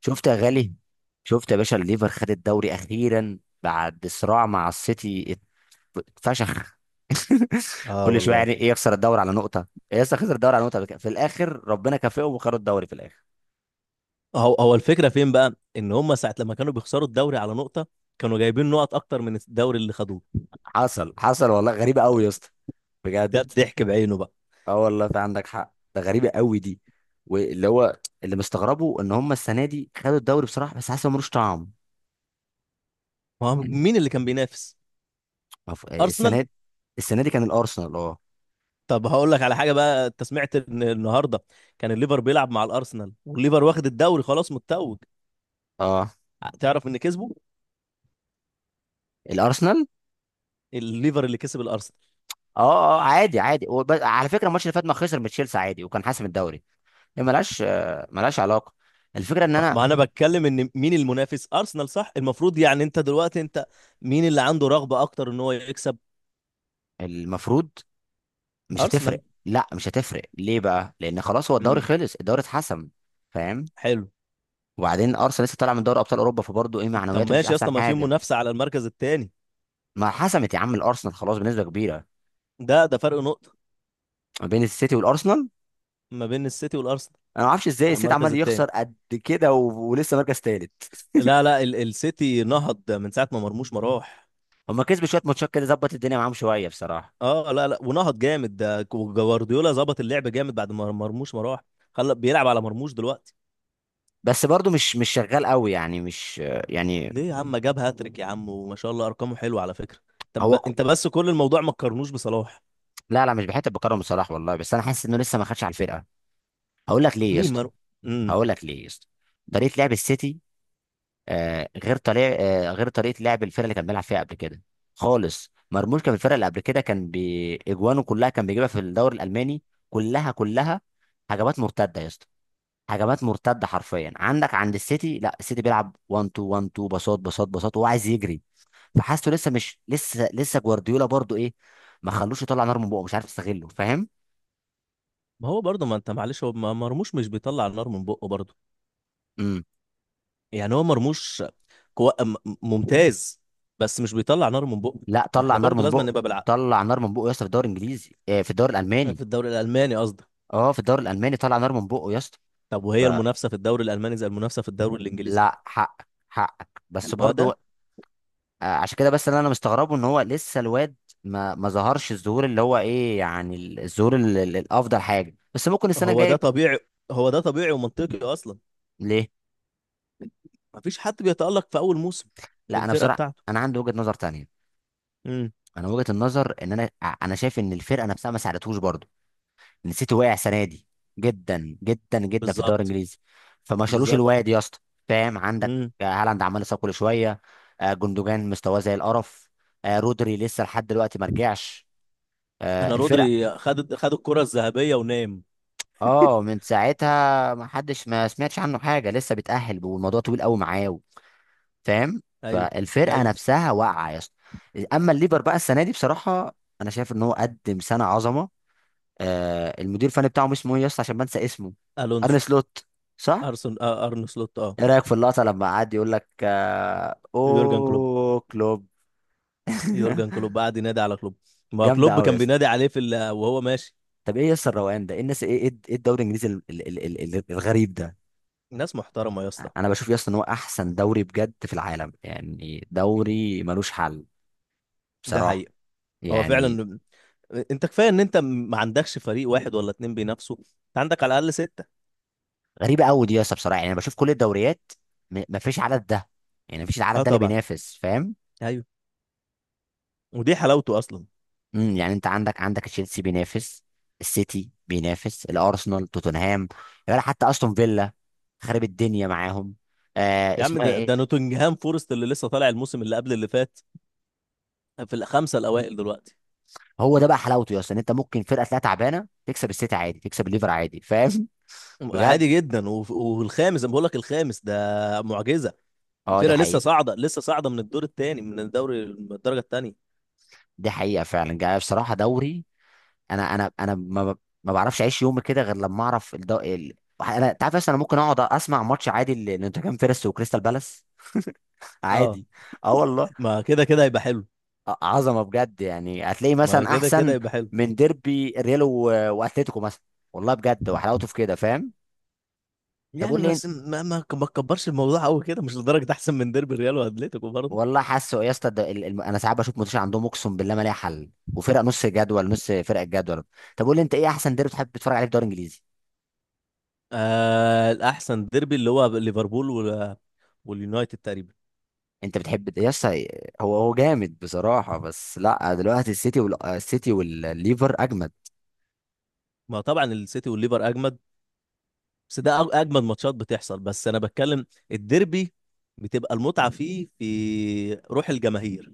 شفت يا غالي شفت يا باشا الليفر خد الدوري اخيرا بعد صراع مع السيتي اتفشخ. اه كل شويه والله. يعني ايه يخسر الدوري على نقطه؟ ايه لسه خسر الدوري على نقطه قبل كده. في الاخر ربنا كافئهم وخدوا الدوري في الاخر. هو الفكره فين بقى ان هم ساعه لما كانوا بيخسروا الدوري على نقطه، كانوا جايبين نقط اكتر من الدوري اللي خدوه. حصل، والله غريبه قوي يا اسطى، بجد. ده الضحك بعينه بقى. اه والله، في عندك حق، ده غريبه قوي دي. واللي هو اللي مستغربه ان هم السنه دي خدوا الدوري بصراحه، بس حاسس إن ملوش طعم. ما هو يعني مين اللي كان بينافس؟ ارسنال. السنه دي. السنه دي كان الارسنال اه طب هقول لك على حاجه بقى، انت سمعت ان النهارده كان الليفر بيلعب مع الارسنال، والليفر واخد الدوري خلاص متوج؟ اه تعرف ان كسبه؟ الارسنال. الليفر اللي كسب الارسنال. اه اه عادي عادي على فكره الماتش اللي فات ما خسر من تشيلسي عادي وكان حاسم الدوري. هي ملهاش علاقه. الفكره ان انا ما انا بتكلم ان مين المنافس؟ ارسنال صح؟ المفروض يعني انت دلوقتي، انت مين اللي عنده رغبه اكتر ان هو يكسب؟ المفروض مش ارسنال. هتفرق لا، مش هتفرق. ليه بقى؟ لان خلاص هو الدوري امم، خلص، الدوري اتحسم، فاهم. حلو. وبعدين ارسنال لسه طالع من دوري ابطال اوروبا، فبرضه ايه طب معنوياته مش ماشي يا اسطى، احسن ما في حاجه. منافسة على المركز الثاني. ما حسمت يا عم، الارسنال خلاص بنسبه كبيره، ده فرق نقطة ما بين السيتي والارسنال. ما بين السيتي والأرسنال انا ما اعرفش ازاي على السيتي المركز عمال يخسر الثاني. قد كده، ولسه مركز تالت. لا ال السيتي نهض من ساعة ما مرموش ما راح. هما كسبوا شويه ماتشات كده ظبط الدنيا معاهم شويه بصراحه، اه، لا ونهض جامد، ده جوارديولا ظبط اللعب جامد بعد ما مرموش ما راح، خلى بيلعب على مرموش دلوقتي. بس برضو مش شغال قوي، يعني مش يعني ليه يا عم؟ جاب هاتريك يا عم، وما شاء الله أرقامه حلوة على فكرة. طب هو ك... انت بس، كل الموضوع ما تقارنوش بصلاح. لا لا، مش بحته بكرم صلاح والله، بس انا حاسس انه لسه ما خدش على الفرقه. هقول لك ليه يا مين؟ اسطى. مرموش. امم. هقول لك ليه يا اسطى طريقه لعب السيتي، آه غير طريقه غير طريقه لعب الفرقه اللي كان بيلعب فيها قبل كده خالص. مرموش كان في الفرقه اللي قبل كده كان باجوانه كلها، كان بيجيبها في الدوري الالماني، كلها كلها. هجمات مرتده يا اسطى، هجمات مرتده حرفيا. عندك عند السيتي، لا، السيتي بيلعب 1 2 1 2، باصات باصات باصات، وهو عايز يجري. فحاسه لسه مش لسه لسه جوارديولا برضو ايه، ما خلوش يطلع نار من بقه، مش عارف يستغله، فاهم. ما هو برضه، ما انت معلش، هو مرموش مش بيطلع النار من بقه برضه. امم، يعني هو مرموش كو... م- ممتاز، بس مش بيطلع نار من بقه. لا طلع واحنا نار برضو من لازم بقه، نبقى بالعقل. طلع نار من بقه يا اسطى في الدوري الالماني. في الدوري الالماني قصدي. اه في الدوري الالماني طلع نار من بقه يا اسطى. طب وهي المنافسه في الدوري الالماني زي المنافسه في الدوري الانجليزي؟ فلا، حقك حقك، بس ما برضو ده. عشان كده، بس اللي انا مستغربه ان هو لسه الواد ما ظهرش الظهور اللي هو ايه، يعني الظهور الافضل حاجه، بس ممكن السنه هو ده الجايه. طبيعي، هو ده طبيعي ومنطقي اصلا. ليه؟ ما فيش حد بيتالق في اول موسم في لا انا الفرقه بصراحه بتاعته. انا عندي وجهه نظر تانية. امم. انا وجهه النظر ان انا انا شايف ان الفرقه نفسها ما ساعدتهوش برضو. السيتي واقع السنه دي جدا جدا جدا في الدوري بالظبط. الانجليزي، فما شالوش بالظبط. الواد يا اسطى، فاهم. عندك امم. هالاند عمال يصاب كل شويه، جندوجان مستواه زي القرف، رودري لسه لحد دلوقتي ما رجعش، انا الفرق. رودري خد الكره الذهبيه ونام. اه من ساعتها ما حدش، ما سمعتش عنه حاجه، لسه بيتاهل والموضوع طويل قوي معاه، فاهم. ايوه. فالفرقه ايوه. نفسها واقعه يا اسطى. اما الليفر بقى السنه دي بصراحه انا شايف ان هو قدم سنه عظمه. المدير الفني بتاعهم اسمه ايه يا اسطى عشان بنسى اسمه؟ ارن الونسو. سلوت، صح. ارسن آه ارن سلوت، اه. ايه رايك في اللقطه لما قعد يقول لك يورجن كلوب. اوه كلوب؟ يورجن كلوب قعد ينادي على كلوب. ما هو جامده كلوب قوي يا كان اسطى. بينادي عليه وهو ماشي. طب ايه يا اسطى الروقان ده؟ ايه الناس؟ ايه ايه إيه الدوري الانجليزي الغريب ده؟ ناس محترمه يا اسطى. انا بشوف يا اسطى ان هو احسن دوري بجد في العالم، يعني دوري ملوش حل ده بصراحه. حقيقه. هو يعني فعلا. انت كفايه ان انت ما عندكش فريق واحد ولا اتنين بينافسوا، انت عندك على الاقل سته. غريبه قوي دي يا اسطى، بصراحه يعني انا بشوف كل الدوريات، مفيش عدد ده، يعني مفيش العدد اه ده اللي طبعا. بينافس، فاهم. ايوه. ودي حلاوته اصلا. امم، يعني انت عندك تشيلسي بينافس، السيتي بينافس، الارسنال، توتنهام، ولا حتى استون فيلا، خرب الدنيا معاهم. آه يا عم اسمها ده ايه. ده نوتنجهام فورست اللي لسه طالع الموسم اللي قبل اللي فات، في الخمسه الاوائل دلوقتي. هو ده بقى حلاوته يا اسطى، ان انت ممكن فرقه تلاقيها تعبانه تكسب السيتي عادي، تكسب الليفر عادي، فاهم. بجد. عادي جدا. والخامس انا بقول لك الخامس ده معجزه. اه دي الفرقه لسه حقيقه. صاعده، لسه صاعده من الدور الثاني، من الدوري من الدرجه الثانيه. دي حقيقه فعلا، جاي بصراحه دوري. انا ما بعرفش اعيش يومي كده غير لما اعرف انت عارف اصلا انا ممكن اقعد اسمع ماتش عادي لنوتنجهام فيرست وكريستال بالاس. اه عادي. اه والله. ما كده كده هيبقى حلو. عظمه بجد، يعني هتلاقي ما مثلا كده كده احسن يبقى حلو. من ديربي ريال واتليتيكو مثلا. والله بجد، وحلاوته في كده، فاهم. طب يعني قول لي انت. بس ما تكبرش الموضوع قوي كده، مش لدرجه احسن من ديربي الريال واتليتيكو برضه. والله حاسه يا اسطى ده انا ساعات بشوف ماتش عندهم اقسم بالله ما ليها حل، وفرق نص جدول، نص فرق الجدول. طب قول لي انت، ايه احسن ديربي بتحب تتفرج عليه في الدوري الانجليزي؟ آه الاحسن ديربي اللي هو ليفربول واليونايتد تقريبا. انت بتحب يا اسطى. هو هو جامد بصراحه، بس لا دلوقتي السيتي، والسيتي والليفر اجمد. ما طبعا السيتي والليفر اجمد، بس ده اجمد ماتشات بتحصل، بس انا بتكلم الديربي بتبقى المتعه فيه في روح الجماهير.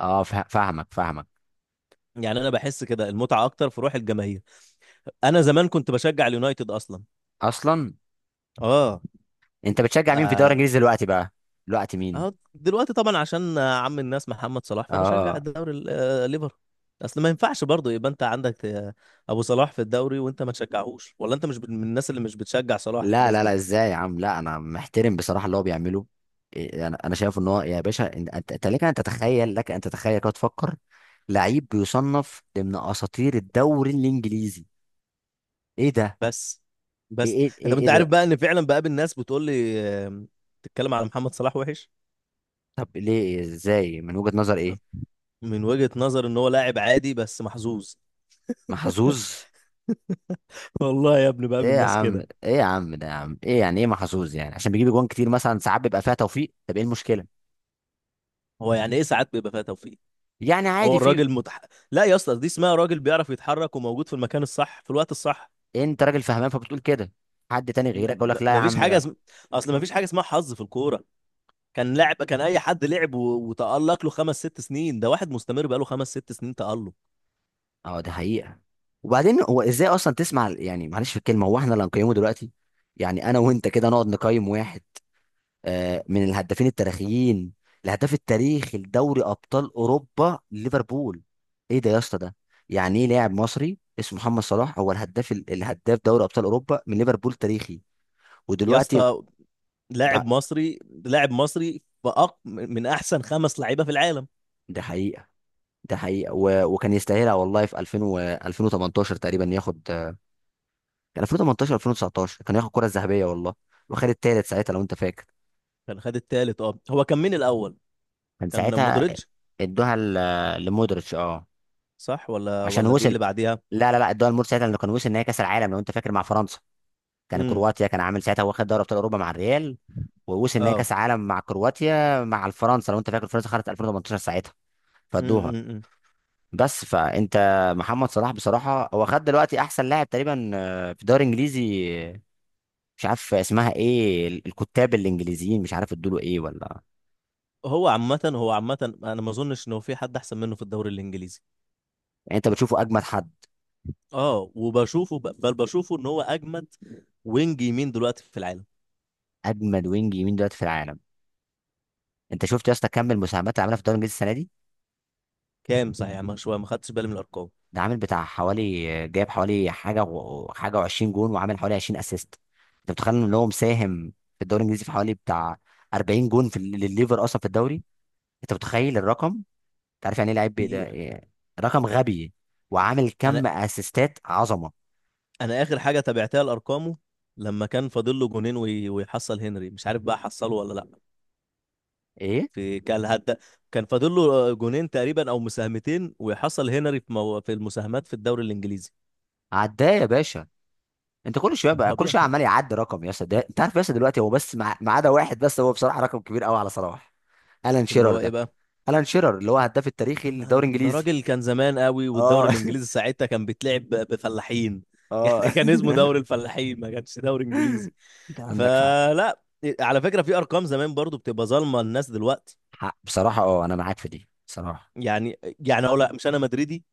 اه، فاهمك فاهمك. يعني انا بحس كده المتعه اكتر في روح الجماهير. انا زمان كنت بشجع اليونايتد اصلا. اصلا اه. انت بتشجع مين في الدوري آه الانجليزي دلوقتي بقى؟ دلوقتي اه مين؟ دلوقتي طبعا عشان عم الناس محمد صلاح، فبشجع اه، الدوري ليفر. اصل ما ينفعش برضه يبقى انت عندك ابو صلاح في الدوري وانت ما تشجعهوش، ولا انت مش من الناس اللي مش بتشجع صلاح، لا الناس لا لا دي. ازاي يا عم، لا انا محترم بصراحه اللي هو بيعمله. انا انا شايف ان هو يا باشا انت أنت لك ان تتخيل، لك ان تتخيل كده تفكر. لعيب بيصنف ضمن اساطير الدوري الانجليزي. ايه ده، بس، بس انت، انت إيه عارف ده. بقى ان فعلا بقابل ناس بتقول لي تتكلم على محمد صلاح وحش. طب ليه؟ ازاي؟ من وجهه نظر ايه؟ من وجهة نظر ان هو لاعب عادي بس محظوظ. محظوظ؟ والله يا ابني بقى، ايه من يا الناس عم، كده. ايه يا عم ده، يا عم ايه يعني ايه محظوظ؟ يعني عشان بيجيب جوان كتير مثلا ساعات بيبقى فيها توفيق؟ طب ايه المشكله هو يعني ايه ساعات بيبقى فيها توفيق؟ يعني؟ هو عادي في. الراجل متح... لا يا اسطى، دي اسمها راجل بيعرف يتحرك وموجود في المكان الصح في الوقت الصح. انت راجل فهمان فبتقول كده، حد تاني غيرك يقول م- لك لا يا مفيش عم حاجه ده. اسم... اصل مفيش حاجه اسمها حظ في الكوره. كان اي حد لعب وتألق له خمس ست سنين، ده واحد مستمر بقاله خمس ست سنين تألق. اه دي حقيقة. وبعدين هو ازاي اصلا تسمع يعني معلش في الكلمة، هو احنا اللي هنقيمه دلوقتي؟ يعني انا وانت كده نقعد نقيم واحد من الهدافين التاريخيين، الهداف التاريخي لدوري ابطال اوروبا ليفربول. ايه ده يا اسطى ده؟ يعني ايه لاعب مصري اسمه محمد صلاح هو الهداف الهداف دوري ابطال اوروبا من ليفربول تاريخي؟ يا ودلوقتي اسطى، ده. لاعب مصري لاعب مصري من احسن خمس لعيبه في العالم. ده حقيقة، ده حقيقة، وكان يستاهلها والله في 2000 2018 تقريبا ياخد. كان 2018 2019 كان ياخد الكره الذهبيه والله، وخد التالت ساعتها لو انت فاكر. كان خد التالت، اه. هو كان مين الاول؟ كان كان ساعتها مودريتش. ادوها لمودريتش، اه، صح؟ ولا عشان ولا دي وصل. اللي بعديها؟ لا لا لا ادوها لمودريتش ساعتها لانه كان وصل نهائي كاس العالم لو انت فاكر مع فرنسا، كان امم. كرواتيا كان عامل ساعتها واخد دوري ابطال اوروبا مع الريال، ووصل نهائي اه. كاس عالم مع كرواتيا مع الفرنسا لو انت فاكر. فرنسا خدت 2018 ساعتها، امم. أمم، فادوها. أمم. بس فانت، محمد صلاح بصراحه هو خد دلوقتي احسن لاعب تقريبا في الدوري الانجليزي. مش عارف اسمها ايه الكتاب الانجليزيين مش عارف ادوله ايه ولا. هو عامه انا ما اظنش ان هو في حد احسن منه في الدوري الانجليزي. يعني انت بتشوفه اجمد حد؟ اه وبشوفه ب- بل بشوفه ان هو اجمد وينج يمين دلوقتي في العالم. اجمد وينج يمين دلوقتي في العالم. انت شفت يا اسطى كم المساهمات اللي عملها في الدوري الانجليزي السنه دي؟ كام؟ صحيح ما شويه ما خدتش بالي من الارقام. ده عامل بتاع حوالي، جايب حوالي حاجه حاجه و20 جون، وعامل حوالي 20 اسيست. انت متخيل ان هو مساهم في الدوري الانجليزي في حوالي بتاع 40 جون في للليفر اصلا في الدوري. انت متخيل الرقم؟ انت عارف يعني ايه لعيب ده كتير. إيه؟ رقم غبي. وعامل انا كم اسيستات عظمه. انا اخر حاجه تابعتها لارقامه لما كان فاضل له جونين ويحصل هنري، مش عارف بقى حصله ولا لا. ايه، في كان هدا. كان فاضل له جونين تقريبا او مساهمتين ويحصل هنري في المساهمات في الدوري الانجليزي. عداه يا باشا، انت كل طبيعي. شويه عمال يعدي رقم يا اسطى ده، انت عارف يا اسطى دلوقتي هو بس ما عدا واحد بس، هو بصراحه رقم كبير قوي على صلاح. الان اللي شيرر هو ايه ده، بقى؟ الان شيرر اللي هو هداف التاريخي طب ما أنا- للدوري ده الانجليزي. راجل كان زمان قوي، اه والدوري الانجليزي ساعتها كان بيتلعب بفلاحين. يعني اه كان اسمه دوري الفلاحين، ما كانش دوري انجليزي. انت عندك حق. فلا، على فكره في ارقام زمان برضو بتبقى ظالمه الناس دلوقتي. بصراحه اه انا معاك في دي بصراحه. يعني يعني اقول لأ، مش انا مدريدي،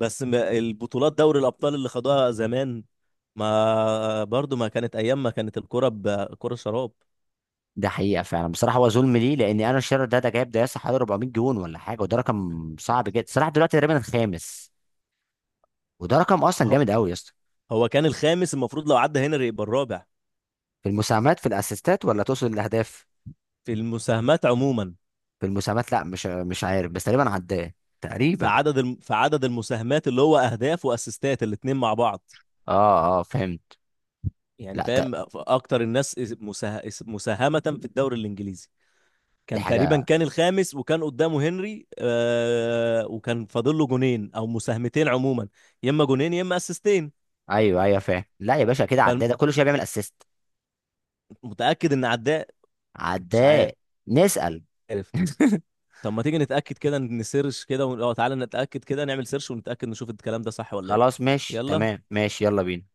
بس البطولات دوري الابطال اللي خدوها زمان، ما برضو ما كانت ايام، ما كانت الكره بكره شراب. ده حقيقه فعلا بصراحه، هو ظلم ليه، لان انا شيرر ده ده جايب ده يا اسطى حوالي 400 جون ولا حاجه، وده رقم صعب جدا. صلاح دلوقتي تقريبا الخامس، وده رقم اصلا هو جامد قوي يا اسطى. هو كان الخامس المفروض، لو عدى هنري يبقى الرابع. في المساهمات، في الاسيستات ولا تقصد الاهداف؟ في المساهمات عموما. في المساهمات، لا مش عارف بس تقريبا عداه، تقريبا. في عدد المساهمات، اللي هو اهداف واسيستات الاثنين مع بعض. اه اه فهمت. يعني لا ت- فاهم، اكتر الناس مساهمة في الدوري الانجليزي. دي كان تقريبا حاجه. كان الخامس، وكان قدامه هنري آه، وكان فاضل له جونين او مساهمتين عموما. يا اما جونين يا اما اسيستين. ايوه ايوه فاهم، لا يا باشا كده عداه، ده كل شويه بيعمل اسيست. فمتاكد ان عداه. مش عداء. نسأل. عارف. طب ما تيجي نتاكد كده، نسيرش كده ون... اه تعالى نتاكد كده، نعمل سيرش ونتاكد، نشوف الكلام ده صح ولا ايه. خلاص ماشي يلا. تمام، ماشي، يلا بينا.